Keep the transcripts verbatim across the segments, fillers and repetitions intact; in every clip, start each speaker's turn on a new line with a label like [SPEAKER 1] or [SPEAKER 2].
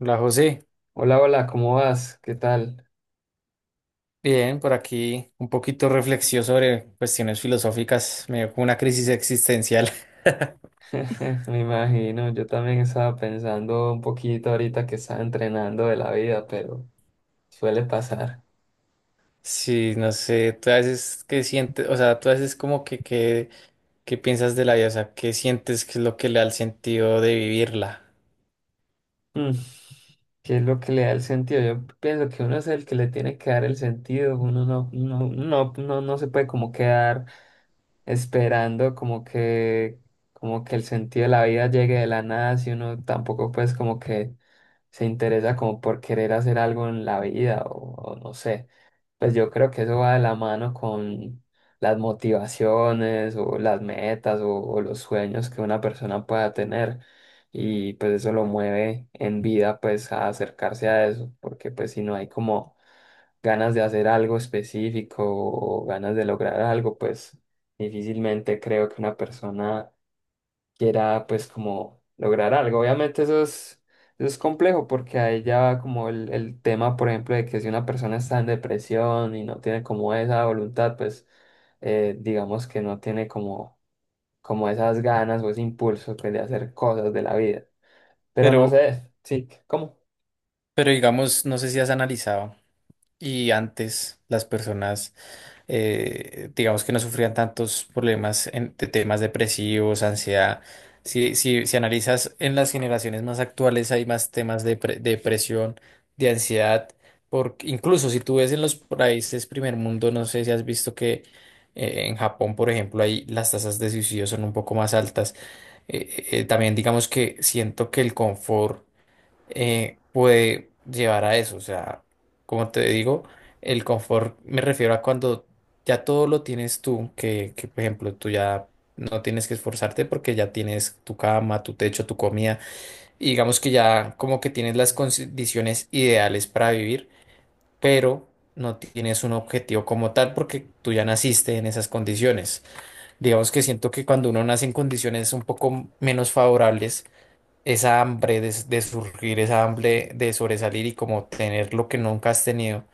[SPEAKER 1] Hola José,
[SPEAKER 2] Hola, hola, ¿cómo vas? ¿Qué tal?
[SPEAKER 1] bien, por aquí un poquito reflexión sobre cuestiones filosóficas, me dio como una crisis existencial.
[SPEAKER 2] Me imagino, yo también estaba pensando un poquito ahorita que estaba entrenando de la vida, pero suele pasar.
[SPEAKER 1] Sí, no sé, tú a veces qué sientes, o sea, tú a veces como que, que, qué piensas de la vida, o sea, qué sientes, qué es lo que le da el sentido de vivirla.
[SPEAKER 2] Mm. ¿Qué es lo que le da el sentido? Yo pienso que uno es el que le tiene que dar el sentido, uno no, no, no, no, no se puede como quedar esperando como que, como que el sentido de la vida llegue de la nada, si uno tampoco pues como que se interesa como por querer hacer algo en la vida o o no sé. Pues yo creo que eso va de la mano con las motivaciones o las metas o, o los sueños que una persona pueda tener y pues eso lo mueve en vida pues a acercarse a eso, porque pues si no hay como ganas de hacer algo específico o ganas de lograr algo, pues difícilmente creo que una persona que era pues como lograr algo. Obviamente eso es, eso es complejo porque ahí ya va como el, el tema, por ejemplo, de que si una persona está en depresión y no tiene como esa voluntad, pues eh, digamos que no tiene como, como esas ganas o ese impulso pues, de hacer cosas de la vida. Pero
[SPEAKER 1] Pero,
[SPEAKER 2] no sé, sí, ¿cómo?
[SPEAKER 1] pero digamos, no sé si has analizado y antes las personas. Eh, digamos que no sufrían tantos problemas en, de temas depresivos, ansiedad. Si, si, si analizas en las generaciones más actuales hay más temas de, pre- de depresión, de ansiedad, porque incluso si tú ves en los países primer mundo, no sé si has visto que eh, en Japón, por ejemplo, ahí las tasas de suicidio son un poco más altas. Eh, eh, eh, También digamos que siento que el confort eh, puede llevar a eso. O sea, como te digo, el confort me refiero a cuando ya todo lo tienes tú, que, que, por ejemplo tú ya no tienes que esforzarte porque ya tienes tu cama, tu techo, tu comida, y digamos que ya como que tienes las
[SPEAKER 2] Sí,
[SPEAKER 1] condiciones ideales para vivir, pero no tienes un objetivo como tal porque tú ya naciste en esas condiciones. Digamos que siento que cuando uno nace en condiciones un poco menos favorables, esa hambre de, de surgir, esa
[SPEAKER 2] sí,
[SPEAKER 1] hambre de sobresalir y como tener lo que nunca has tenido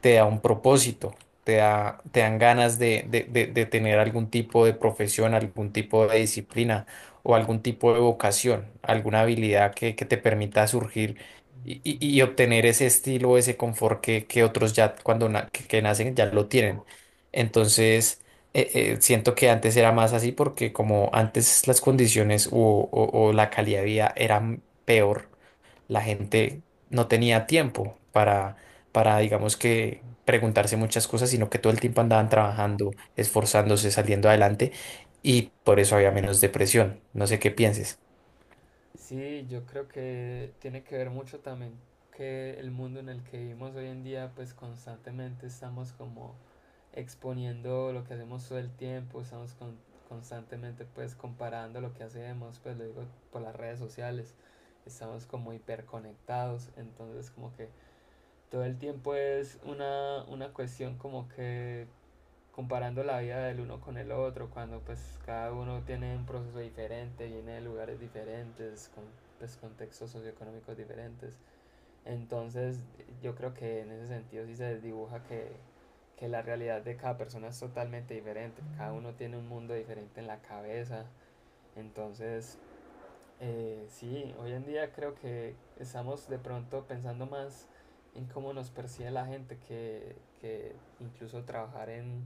[SPEAKER 1] te da un propósito, te da, te dan ganas de, de- de- de tener algún tipo de profesión, algún tipo de disciplina o algún tipo de vocación, alguna habilidad que, que te permita surgir y,
[SPEAKER 2] ujú,
[SPEAKER 1] y- y obtener ese estilo, ese confort que, que otros ya cuando na- que, que nacen ya lo tienen. Entonces, eh, eh, siento que antes era más así porque como antes las condiciones o, o o la calidad de vida eran peor, la gente no tenía tiempo para para, digamos que, preguntarse muchas cosas, sino que todo el tiempo andaban
[SPEAKER 2] claro.
[SPEAKER 1] trabajando, esforzándose, saliendo adelante y por eso había menos depresión. No sé qué pienses.
[SPEAKER 2] Sí, yo creo que tiene que ver mucho también que el mundo en el que vivimos hoy en día, pues constantemente estamos como exponiendo lo que hacemos todo el tiempo, estamos con- constantemente pues comparando lo que hacemos, pues lo digo por las redes sociales, estamos como hiperconectados, entonces como que todo el tiempo es una, una cuestión como que comparando la vida del uno con el otro, cuando pues cada uno tiene un proceso diferente, viene de lugares diferentes, con pues, contextos socioeconómicos diferentes. Entonces yo creo que en ese sentido sí se desdibuja que, que la realidad de cada persona es totalmente diferente, cada uno tiene un mundo diferente en la cabeza, entonces eh, sí, hoy en día creo que estamos de pronto pensando más en cómo nos percibe la gente que, que incluso trabajar en,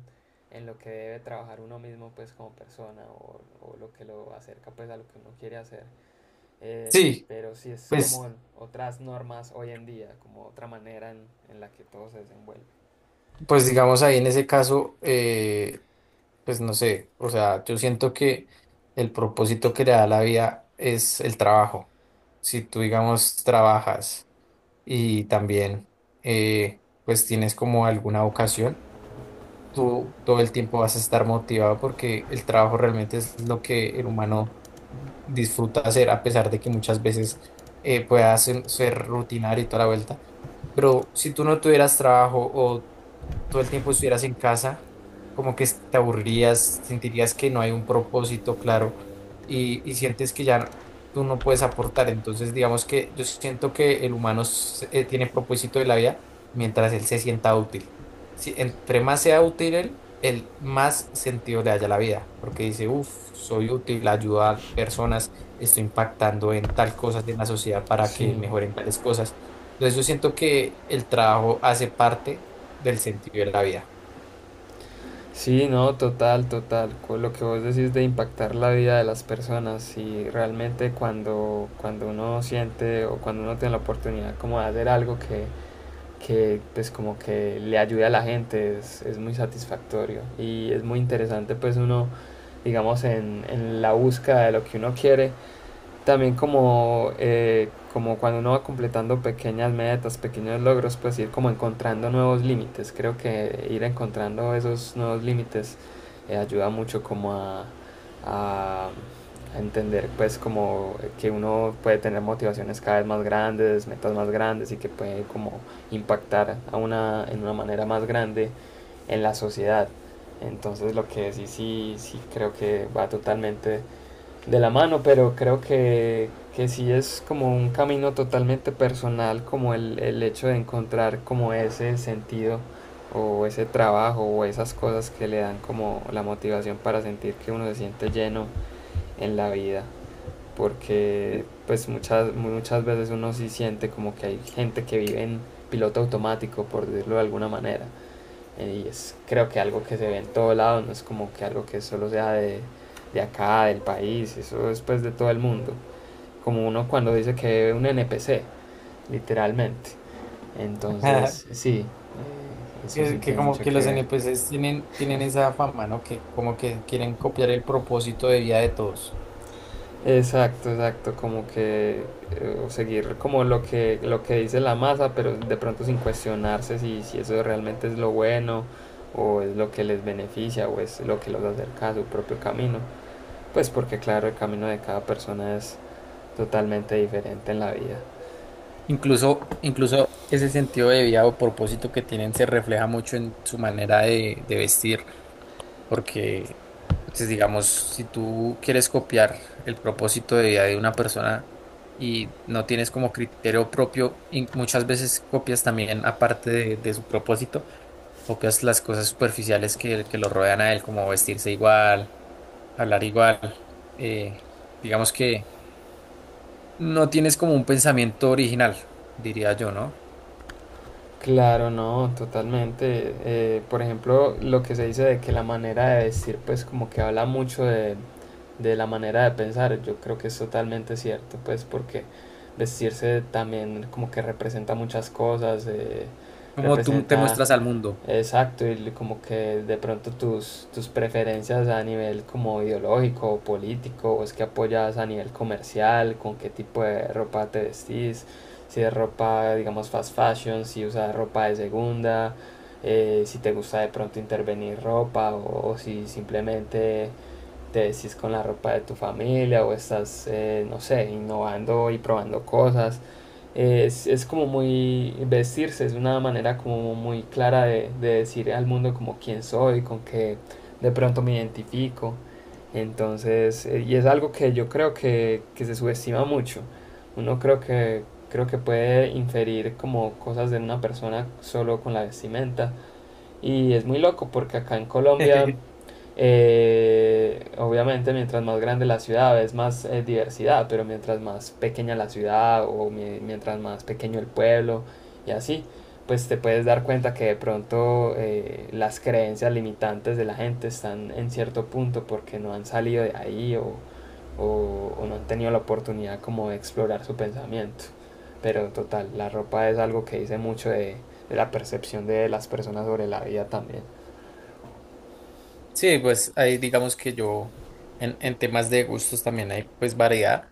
[SPEAKER 2] en lo que debe trabajar uno mismo pues como persona o, o lo que lo acerca pues a lo que uno quiere hacer. Eh,
[SPEAKER 1] Sí,
[SPEAKER 2] pero sí es
[SPEAKER 1] pues,
[SPEAKER 2] como otras normas hoy en día, como otra manera en, en la que todo se desenvuelve.
[SPEAKER 1] pues digamos ahí en ese caso, eh, pues no sé, o sea, yo siento que el propósito que le da la vida es el trabajo. Si tú, digamos, trabajas y también, eh, pues tienes como alguna vocación. Tú todo el tiempo vas a estar motivado porque el trabajo realmente es lo que el humano disfruta hacer, a pesar de que muchas veces eh, pueda ser, ser rutinario y toda la vuelta, bro, si tú no tuvieras trabajo o todo el tiempo estuvieras en casa, como que te aburrirías, sentirías que no hay un propósito claro y, y sientes que ya tú no puedes aportar. Entonces, digamos que yo siento que el humano se- eh, tiene propósito de la vida mientras él se sienta útil. Si entre más sea útil él, él más sentido le haya a la vida, porque dice, uff, soy útil, ayudo a personas, estoy impactando en tal cosas en la sociedad para
[SPEAKER 2] Sí.
[SPEAKER 1] que mejoren tales cosas. Entonces yo siento que el trabajo hace parte del sentido de la vida.
[SPEAKER 2] Sí, no, total, total. Con lo que vos decís de impactar la vida de las personas y realmente cuando, cuando uno siente o cuando uno tiene la oportunidad como de hacer algo que, que pues como que le ayude a la gente es, es muy satisfactorio y es muy interesante pues uno digamos en, en la búsqueda de lo que uno quiere también como, eh, como cuando uno va completando pequeñas metas, pequeños logros, pues ir como encontrando nuevos límites. Creo que ir encontrando esos nuevos límites eh, ayuda mucho como a, a- a entender pues como que uno puede tener motivaciones cada vez más grandes, metas más grandes y que puede como impactar a una, en una manera más grande en la sociedad. Entonces lo que sí, sí, sí creo que va totalmente de la mano, pero creo que, que sí es como un camino totalmente personal, como el, el hecho de encontrar como ese sentido o ese trabajo o esas cosas que le dan como la motivación para sentir que uno se siente lleno en la vida. Porque pues muchas, muchas veces uno sí siente como que hay gente que vive en piloto automático, por decirlo de alguna manera. Y es creo que algo que se ve en todo lado, no es como que algo que solo sea de, de acá, del país, eso es pues de todo el mundo. Como uno cuando dice que ve un N P C, literalmente. Entonces, sí, eh, eso sí
[SPEAKER 1] Que, que
[SPEAKER 2] tiene
[SPEAKER 1] como
[SPEAKER 2] mucho
[SPEAKER 1] que
[SPEAKER 2] que
[SPEAKER 1] los
[SPEAKER 2] ver.
[SPEAKER 1] N P Cs tienen, tienen esa fama, ¿no? Que como que quieren copiar el propósito de vida de todos.
[SPEAKER 2] Exacto, exacto, como que eh, seguir como lo que, lo que dice la masa, pero de pronto sin cuestionarse si, si eso realmente es lo bueno o es lo que les beneficia o es lo que los acerca a su propio camino. Pues porque claro, el camino de cada persona es totalmente diferente en la vida.
[SPEAKER 1] Incluso, incluso ese sentido de vida o propósito que tienen se refleja mucho en su manera de, de vestir, porque, pues, digamos, si tú quieres copiar el propósito de vida de una persona y no tienes como criterio propio, y muchas veces copias también, aparte de, de su propósito, copias las cosas superficiales que, que lo rodean a él, como vestirse igual, hablar igual. eh, digamos que no tienes como un pensamiento original, diría yo, ¿no?
[SPEAKER 2] Claro, no, totalmente. Eh, por ejemplo, lo que se dice de que la manera de vestir, pues como que habla mucho de, de la manera de pensar, yo creo que es totalmente cierto, pues porque vestirse también como que representa muchas cosas, eh,
[SPEAKER 1] Como tú te
[SPEAKER 2] representa.
[SPEAKER 1] muestras al mundo.
[SPEAKER 2] Exacto, y l- como que de pronto tus, tus preferencias a nivel como ideológico o político, o es que apoyas a nivel comercial, con qué tipo de ropa te vestís, si es ropa, digamos, fast fashion, si usas ropa de segunda, eh, si te gusta de pronto intervenir ropa, o, o si simplemente te vestís con la ropa de tu familia, o estás, eh, no sé, innovando y probando cosas es, es como muy vestirse, es una manera como muy clara de, de decir al mundo como quién soy, con qué de pronto me identifico. Entonces, eh, y es algo que yo creo que, que se subestima mucho. Uno creo que, creo que puede inferir como cosas de una persona solo con la vestimenta, y es muy loco porque acá en Colombia, eh, obviamente mientras más grande la ciudad es más eh, diversidad, pero mientras más pequeña la ciudad o mi- mientras más pequeño el pueblo y así, pues te puedes dar cuenta que de pronto eh, las creencias limitantes de la gente están en cierto punto porque no han salido de ahí o, o- o no han tenido la oportunidad como de explorar su pensamiento. Pero total, la ropa es algo que dice mucho de la percepción de las personas sobre la vida también.
[SPEAKER 1] Sí, pues ahí digamos que yo en, en temas de gustos también hay pues variedad.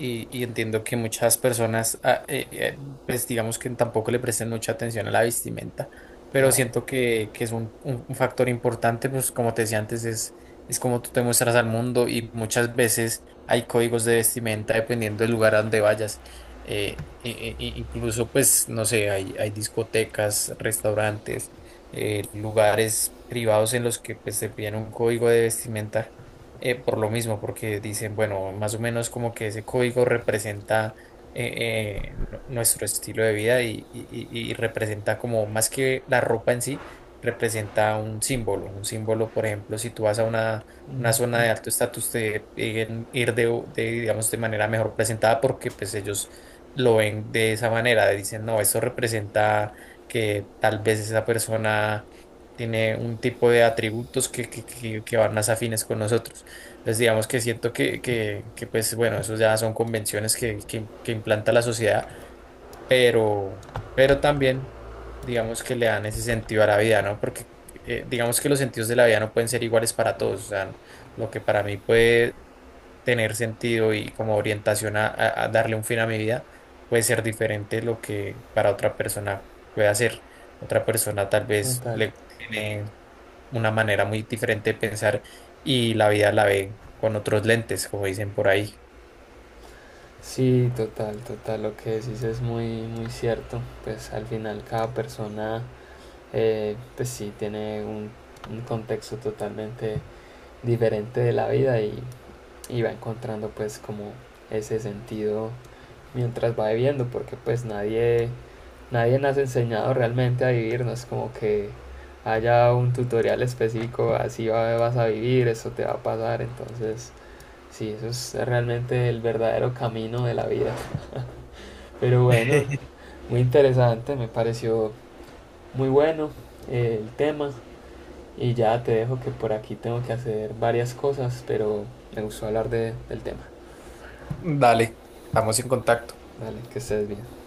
[SPEAKER 1] Y, y entiendo que muchas personas, ah, eh, eh, pues digamos que tampoco le prestan mucha atención a la vestimenta, pero
[SPEAKER 2] Claro.
[SPEAKER 1] siento que, que es un, un- un factor importante, pues como te decía antes, es, es como tú te muestras al mundo y muchas veces hay códigos de vestimenta dependiendo del lugar a donde vayas. Eh, e- e- e incluso, pues, no sé, hay, hay discotecas, restaurantes, eh, lugares privados en los que pues, se piden un código de vestimenta eh, por lo mismo, porque dicen, bueno, más o menos como que ese código representa eh, eh, nu- nuestro estilo de vida y, y- y- y representa como más que la ropa en sí, representa un símbolo. Un símbolo, por ejemplo, si tú vas a una,
[SPEAKER 2] Mm,
[SPEAKER 1] una zona
[SPEAKER 2] mm.
[SPEAKER 1] de alto estatus, te piden ir de, de, digamos, de manera mejor presentada porque pues ellos lo ven de esa manera. Dicen, no, esto representa que tal vez esa persona tiene un tipo de atributos que, que, que que van más afines con nosotros. Entonces, digamos que siento que, que, que, pues, bueno, eso ya son convenciones que, que, que implanta la sociedad, pero, pero también, digamos que le dan ese sentido a la vida, ¿no? Porque eh, digamos que los sentidos de la vida no pueden ser iguales para todos. O sea, lo que para mí puede tener sentido y como orientación a, a- a darle un fin a mi vida, puede ser diferente lo que para otra persona puede hacer. Otra persona tal vez
[SPEAKER 2] Total.
[SPEAKER 1] le tiene una manera muy diferente de pensar y la vida la ve con otros lentes, como dicen por ahí.
[SPEAKER 2] Sí, total, total. Lo que decís es muy, muy cierto. Pues al final cada persona, eh, pues sí, tiene un, un contexto totalmente diferente de la vida y, y va encontrando pues como ese sentido mientras va viviendo, porque pues nadie, nadie nos ha enseñado realmente a vivir, no es como que haya un tutorial específico, así va- vas a vivir, eso te va a pasar, entonces sí, eso es realmente el verdadero camino de la vida. Pero bueno, muy interesante, me pareció muy bueno eh, el tema y ya te dejo que por aquí tengo que hacer varias cosas, pero me gustó hablar de- del tema.
[SPEAKER 1] Dale, estamos en contacto.
[SPEAKER 2] Vale, que estés bien.